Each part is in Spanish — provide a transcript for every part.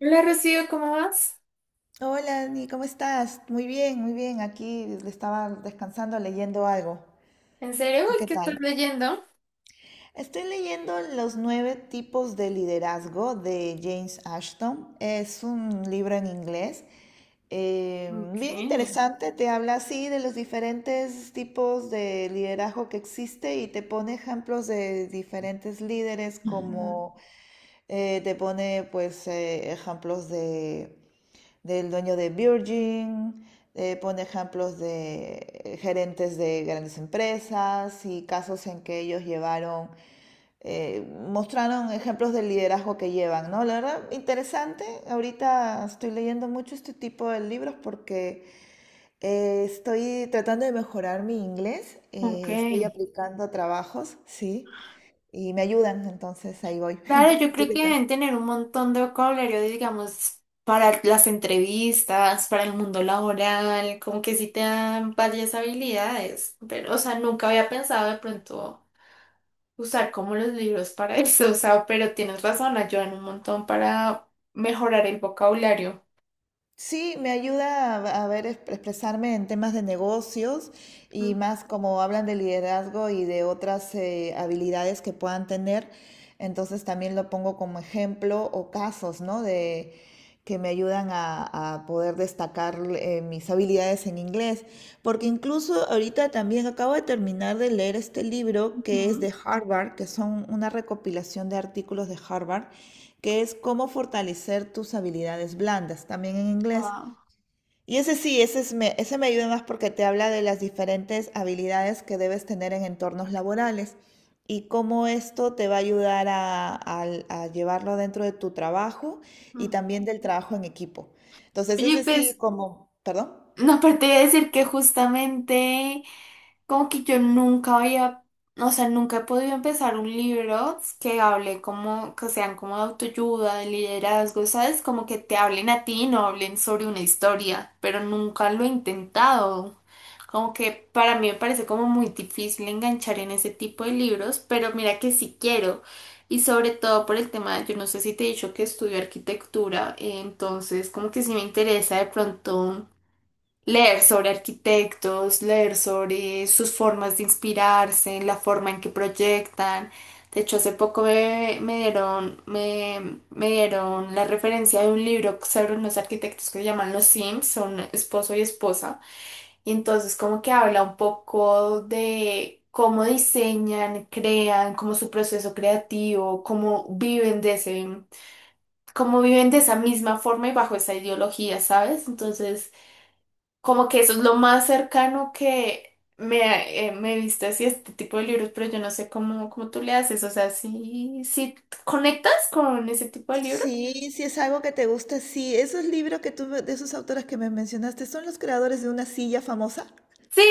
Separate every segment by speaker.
Speaker 1: Hola Rocío, ¿cómo vas?
Speaker 2: Hola, Dani, ¿cómo estás? Muy bien, muy bien. Aquí estaba descansando leyendo algo.
Speaker 1: ¿En serio?
Speaker 2: ¿Tú
Speaker 1: Uy,
Speaker 2: qué
Speaker 1: ¿qué estás
Speaker 2: tal?
Speaker 1: leyendo?
Speaker 2: Estoy leyendo Los nueve tipos de liderazgo de James Ashton. Es un libro en inglés. eh, Bien
Speaker 1: Okay.
Speaker 2: interesante, te habla así de los diferentes tipos de liderazgo que existe y te pone ejemplos de diferentes líderes
Speaker 1: Ujú.
Speaker 2: como te pone pues ejemplos de del dueño de Virgin, pone ejemplos de gerentes de grandes empresas y casos en que ellos llevaron, eh, mostraron ejemplos del liderazgo que llevan, ¿no? La verdad, interesante. Ahorita estoy leyendo mucho este tipo de libros porque estoy tratando de mejorar mi inglés,
Speaker 1: Ok.
Speaker 2: estoy aplicando trabajos, sí, y me ayudan, entonces ahí voy.
Speaker 1: Claro, yo
Speaker 2: ¿Tú
Speaker 1: creo
Speaker 2: qué
Speaker 1: que
Speaker 2: tal?
Speaker 1: deben tener un montón de vocabulario, digamos, para las entrevistas, para el mundo laboral, como que sí te dan varias habilidades, pero, o sea, nunca había pensado de pronto usar como los libros para eso, o sea, pero tienes razón, ayudan un montón para mejorar el vocabulario.
Speaker 2: Sí, me ayuda a ver expresarme en temas de negocios y más como hablan de liderazgo y de otras habilidades que puedan tener. Entonces también lo pongo como ejemplo o casos, ¿no? De que me ayudan a poder destacar mis habilidades en inglés. Porque incluso ahorita también acabo de terminar de leer este libro que es
Speaker 1: Ujú.
Speaker 2: de Harvard, que son una recopilación de artículos de Harvard que es cómo fortalecer tus habilidades blandas, también en inglés.
Speaker 1: Ah,
Speaker 2: Y ese sí, ese, es me, ese me ayuda más porque te habla de las diferentes habilidades que debes tener en entornos laborales y cómo esto te va a ayudar a llevarlo dentro de tu trabajo y
Speaker 1: ujú.
Speaker 2: también del trabajo en equipo. Entonces,
Speaker 1: Oye,
Speaker 2: ese sí,
Speaker 1: pues
Speaker 2: como, perdón.
Speaker 1: no, aparte de decir que justamente como que yo nunca había, o sea, nunca he podido empezar un libro que hable como, que sean como de autoayuda, de liderazgo, ¿sabes? Como que te hablen a ti, no hablen sobre una historia, pero nunca lo he intentado. Como que para mí me parece como muy difícil enganchar en ese tipo de libros, pero mira que sí quiero. Y sobre todo por el tema, yo no sé si te he dicho que estudio arquitectura, entonces como que sí me interesa de pronto leer sobre arquitectos, leer sobre sus formas de inspirarse, la forma en que proyectan. De hecho, hace poco me dieron la referencia de un libro sobre unos arquitectos que se llaman Los Sims, son esposo y esposa. Y entonces como que habla un poco de cómo diseñan, crean, cómo su proceso creativo, cómo viven de ese, cómo viven de esa misma forma y bajo esa ideología, ¿sabes? Entonces... Como que eso es lo más cercano que me, me he visto así este tipo de libros, pero yo no sé cómo, cómo tú le haces. O sea, si conectas con ese tipo de libro.
Speaker 2: Sí, si es algo que te gusta, sí. Esos libros que tú, de esos autores que me mencionaste, ¿son los creadores de una silla famosa?
Speaker 1: Sí,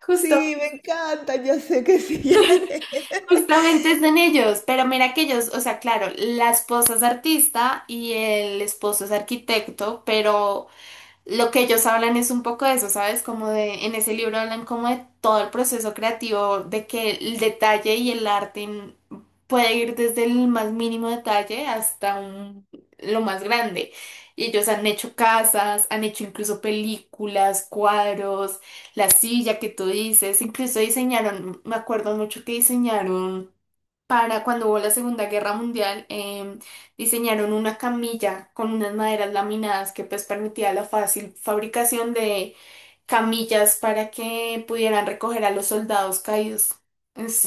Speaker 1: justo,
Speaker 2: Sí, me encanta, ya sé que sí. Ya es.
Speaker 1: justamente es en ellos. Pero mira que ellos, o sea, claro, la esposa es artista y el esposo es arquitecto, pero lo que ellos hablan es un poco de eso, ¿sabes? Como de, en ese libro hablan como de todo el proceso creativo, de que el detalle y el arte en- puede ir desde el más mínimo detalle hasta un- lo más grande. Y ellos han hecho casas, han hecho incluso películas, cuadros, la silla que tú dices, incluso diseñaron, me acuerdo mucho que diseñaron para cuando hubo la Segunda Guerra Mundial, diseñaron una camilla con unas maderas laminadas que pues permitía la fácil fabricación de camillas para que pudieran recoger a los soldados caídos.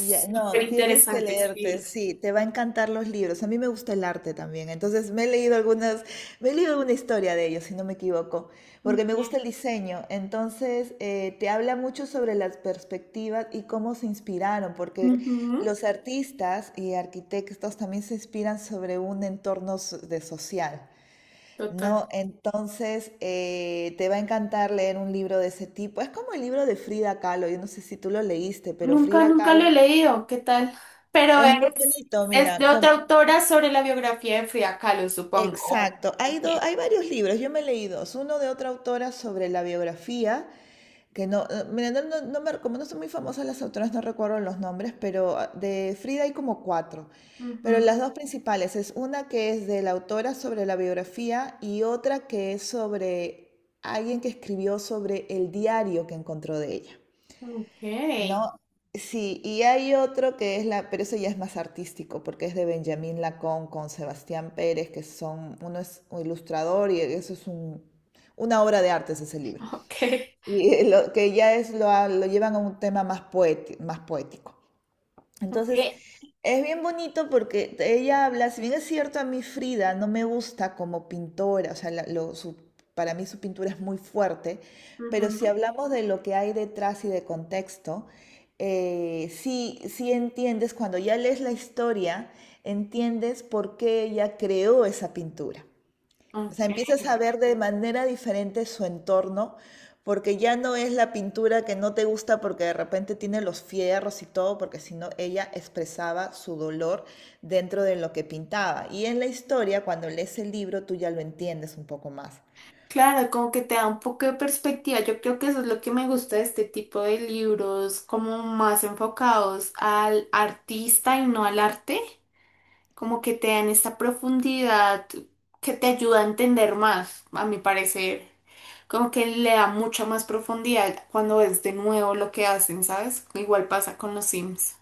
Speaker 2: Ya,
Speaker 1: súper
Speaker 2: no, tienes que
Speaker 1: interesante ese
Speaker 2: leerte,
Speaker 1: libro.
Speaker 2: sí, te va a encantar los libros. A mí me gusta el arte también, entonces me he leído algunas, me he leído alguna historia de ellos, si no me equivoco, porque me
Speaker 1: Ok.
Speaker 2: gusta el diseño. Entonces, te habla mucho sobre las perspectivas y cómo se inspiraron, porque
Speaker 1: Ujú.
Speaker 2: los artistas y arquitectos también se inspiran sobre un entorno de social.
Speaker 1: Total.
Speaker 2: No, entonces te va a encantar leer un libro de ese tipo. Es como el libro de Frida Kahlo. Yo no sé si tú lo leíste, pero
Speaker 1: Nunca,
Speaker 2: Frida
Speaker 1: nunca lo he
Speaker 2: Kahlo
Speaker 1: leído, ¿qué tal? Pero
Speaker 2: es muy bonito,
Speaker 1: es de
Speaker 2: mira,
Speaker 1: otra
Speaker 2: como
Speaker 1: autora sobre la biografía de Frida Kahlo, supongo.
Speaker 2: exacto. Hay
Speaker 1: Ok.
Speaker 2: hay varios libros. Yo me leí dos. Uno de otra autora sobre la biografía. Que no, mira, no, no, como no son muy famosas las autoras, no recuerdo los nombres, pero ah, de Frida hay como cuatro. Pero
Speaker 1: Ujú.
Speaker 2: las dos principales es una que es de la autora sobre la biografía y otra que es sobre alguien que escribió sobre el diario que encontró de ella.
Speaker 1: Ok.
Speaker 2: No, sí, y hay otro que es la, pero eso ya es más artístico, porque es de Benjamín Lacón con Sebastián Pérez, que son, uno es un ilustrador y eso es un, una obra de arte, es ese libro.
Speaker 1: Ok.
Speaker 2: Y lo que ya es lo, lo llevan a un tema más poético. Entonces,
Speaker 1: Ok.
Speaker 2: es bien bonito porque ella habla, si bien es cierto, a mí Frida no me gusta como pintora, o sea, para mí su pintura es muy fuerte, pero si
Speaker 1: Ujú.
Speaker 2: hablamos de lo que hay detrás y de contexto, sí, sí entiendes, cuando ya lees la historia, entiendes por qué ella creó esa pintura. O sea,
Speaker 1: Ok.
Speaker 2: empiezas a ver de manera diferente su entorno, porque ya no es la pintura que no te gusta porque de repente tiene los fierros y todo, porque sino ella expresaba su dolor dentro de lo que pintaba. Y en la historia, cuando lees el libro, tú ya lo entiendes un poco más.
Speaker 1: Claro, como que te da un poco de perspectiva. Yo creo que eso es lo que me gusta de este tipo de libros, como más enfocados al artista y no al arte, como que te dan esta profundidad que te ayuda a entender más, a mi parecer. Como que le da mucha más profundidad cuando ves de nuevo lo que hacen, ¿sabes? Igual pasa con los Sims.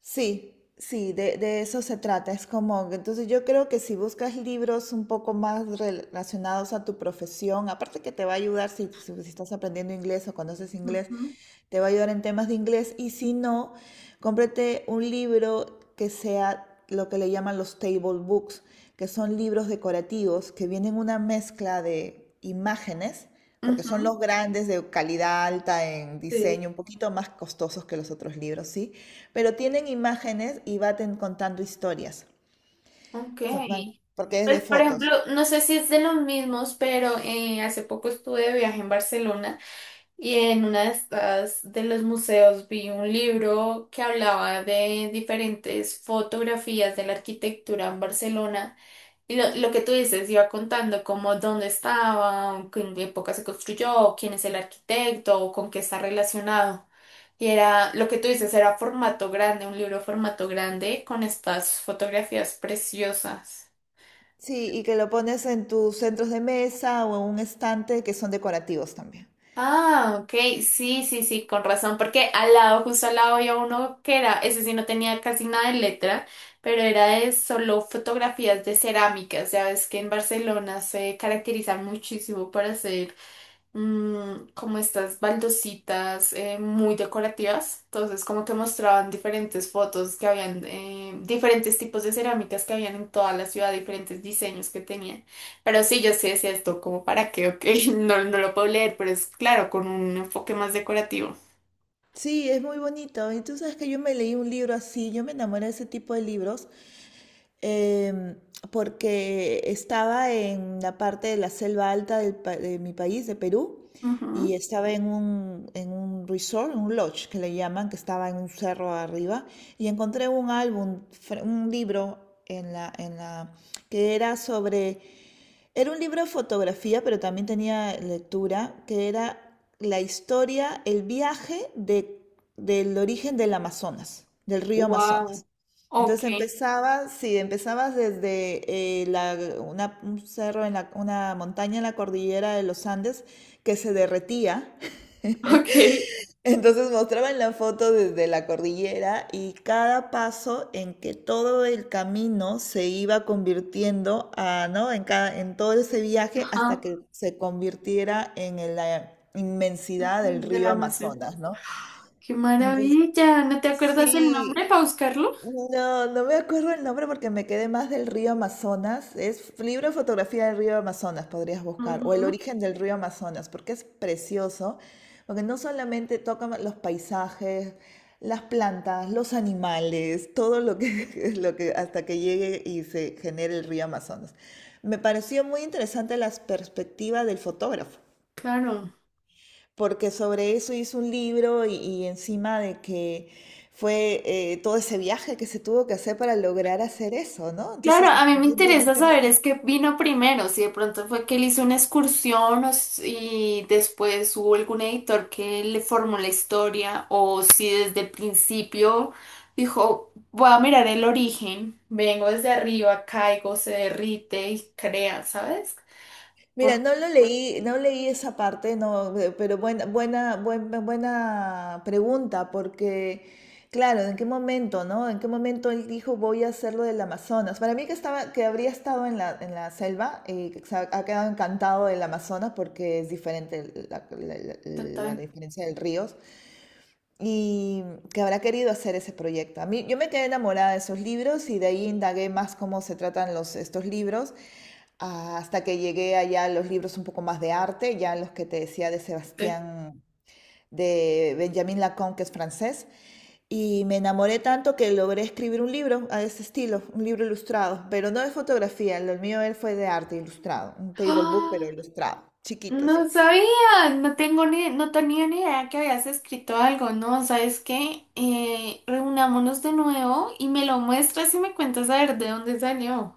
Speaker 2: Sí, sí, de eso se trata. Es como, que- entonces yo creo que si buscas libros un poco más relacionados a tu profesión, aparte que te va a ayudar si, si estás aprendiendo inglés o conoces inglés,
Speaker 1: Ujú.
Speaker 2: te va a ayudar en temas de inglés. Y si no, cómprate un libro que sea lo que le llaman los table books, que son libros decorativos que vienen una mezcla de imágenes. Porque son
Speaker 1: Ujú.
Speaker 2: los grandes de calidad alta en diseño, un poquito más costosos que los otros libros, sí, pero tienen imágenes y va contando historias.
Speaker 1: Ok.
Speaker 2: Son- van- porque es de
Speaker 1: Pues, por ejemplo,
Speaker 2: fotos.
Speaker 1: no sé si es de los mismos, pero hace poco estuve de viaje en Barcelona. Y en una de estas de los museos vi un libro que hablaba de diferentes fotografías de la arquitectura en Barcelona. Y lo que tú dices, iba contando como dónde estaba, en qué época se construyó, quién es el arquitecto o con qué está relacionado. Y era, lo que tú dices, era formato grande, un libro formato grande con estas fotografías preciosas.
Speaker 2: Sí, y que lo pones en tus centros de mesa o en un estante que son decorativos también.
Speaker 1: Ah, ok, sí, sí, sí, con razón, porque al lado, justo al lado había uno que era, ese sí no tenía casi nada de letra, pero era de solo fotografías de cerámicas, ya ves que en Barcelona se caracteriza muchísimo por hacer como estas baldositas muy decorativas. Entonces, como que mostraban diferentes fotos que habían, diferentes tipos de cerámicas que habían en toda la ciudad, diferentes diseños que tenían. Pero sí, yo sí decía esto, como para qué, ok, no, no lo puedo leer, pero es claro, con un enfoque más decorativo.
Speaker 2: Sí, es muy bonito. Y tú sabes que yo me leí un libro así, yo me enamoré de ese tipo de libros em, porque estaba en la parte de la selva alta de mi país, de Perú, y
Speaker 1: Ujú.
Speaker 2: estaba en un resort, un lodge que le llaman, que estaba en un cerro arriba, y encontré un álbum, un libro en la, que era sobre, era un libro de fotografía, pero también tenía lectura, que era la historia, el viaje de, del origen del Amazonas, del río
Speaker 1: Wow.
Speaker 2: Amazonas.
Speaker 1: Ok,
Speaker 2: Entonces empezabas, sí, empezabas desde una, un cerro en la, una montaña en la cordillera de los Andes que se derretía.
Speaker 1: ok.
Speaker 2: Entonces mostraban la foto desde la cordillera y cada paso en que todo el camino se iba convirtiendo a, ¿no? En cada, en todo ese viaje
Speaker 1: Ajá.
Speaker 2: hasta que se convirtiera en la inmensidad del
Speaker 1: De la
Speaker 2: río
Speaker 1: Amazon.
Speaker 2: Amazonas, ¿no?
Speaker 1: ¡Qué
Speaker 2: Entonces,
Speaker 1: maravilla! ¿No te acuerdas el
Speaker 2: sí,
Speaker 1: nombre para buscarlo?
Speaker 2: no, no me acuerdo el nombre porque me quedé más del río Amazonas. Es libro de fotografía del río Amazonas, podrías buscar, o el
Speaker 1: Ujú.
Speaker 2: origen del río Amazonas, porque es precioso, porque no solamente toca los paisajes, las plantas, los animales, todo lo que, lo que hasta que llegue y se genere el río Amazonas. Me pareció muy interesante las perspectivas del fotógrafo
Speaker 1: Claro.
Speaker 2: porque sobre eso hizo un libro y encima de que fue todo ese viaje que se tuvo que hacer para lograr hacer eso, ¿no?
Speaker 1: Claro,
Speaker 2: Entonces,
Speaker 1: a mí me
Speaker 2: bien, bien
Speaker 1: interesa saber es
Speaker 2: interesante.
Speaker 1: qué vino primero, si de pronto fue que él hizo una excursión o si- y después hubo algún editor que le formó la historia o si desde el principio dijo, voy a mirar el origen, vengo desde arriba, caigo, se derrite y crea, ¿sabes?
Speaker 2: Mira,
Speaker 1: Por
Speaker 2: no lo leí, no leí esa parte, no, pero buena, buena, buena, buena pregunta, porque, claro, ¿en qué momento, no? ¿En qué momento él dijo voy a hacer lo del Amazonas? Para mí que estaba, que habría estado en la selva, que se ha, ha quedado encantado del Amazonas porque es diferente la, la diferencia del río y que habrá querido hacer ese proyecto. A mí, yo me quedé enamorada de esos libros y de ahí indagué más cómo se tratan los, estos libros ah, hasta que llegué allá a los libros un poco más de arte, ya los que te decía de
Speaker 1: totalmente.
Speaker 2: Sebastián, de Benjamin Lacan, que es francés, y me enamoré tanto que logré escribir un libro a ese estilo, un libro ilustrado, pero no de fotografía, lo mío él fue de arte ilustrado, un table book, pero ilustrado, chiquito,
Speaker 1: No
Speaker 2: sí.
Speaker 1: sabía, no tengo ni, no tenía ni idea que habías escrito algo, ¿no? ¿Sabes qué? Reunámonos de nuevo y me lo muestras y me cuentas a ver de dónde salió.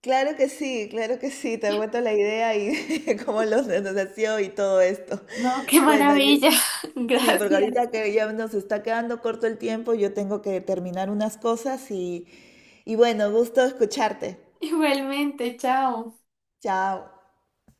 Speaker 2: Claro que sí, claro que sí, te aguanto la idea y cómo los nos nació y todo esto.
Speaker 1: No, qué
Speaker 2: Bueno, yo-
Speaker 1: maravilla.
Speaker 2: sí,
Speaker 1: Gracias.
Speaker 2: porque ahorita que ya nos está quedando corto el tiempo, yo tengo que terminar unas cosas y bueno, gusto escucharte.
Speaker 1: Igualmente, chao.
Speaker 2: Chao.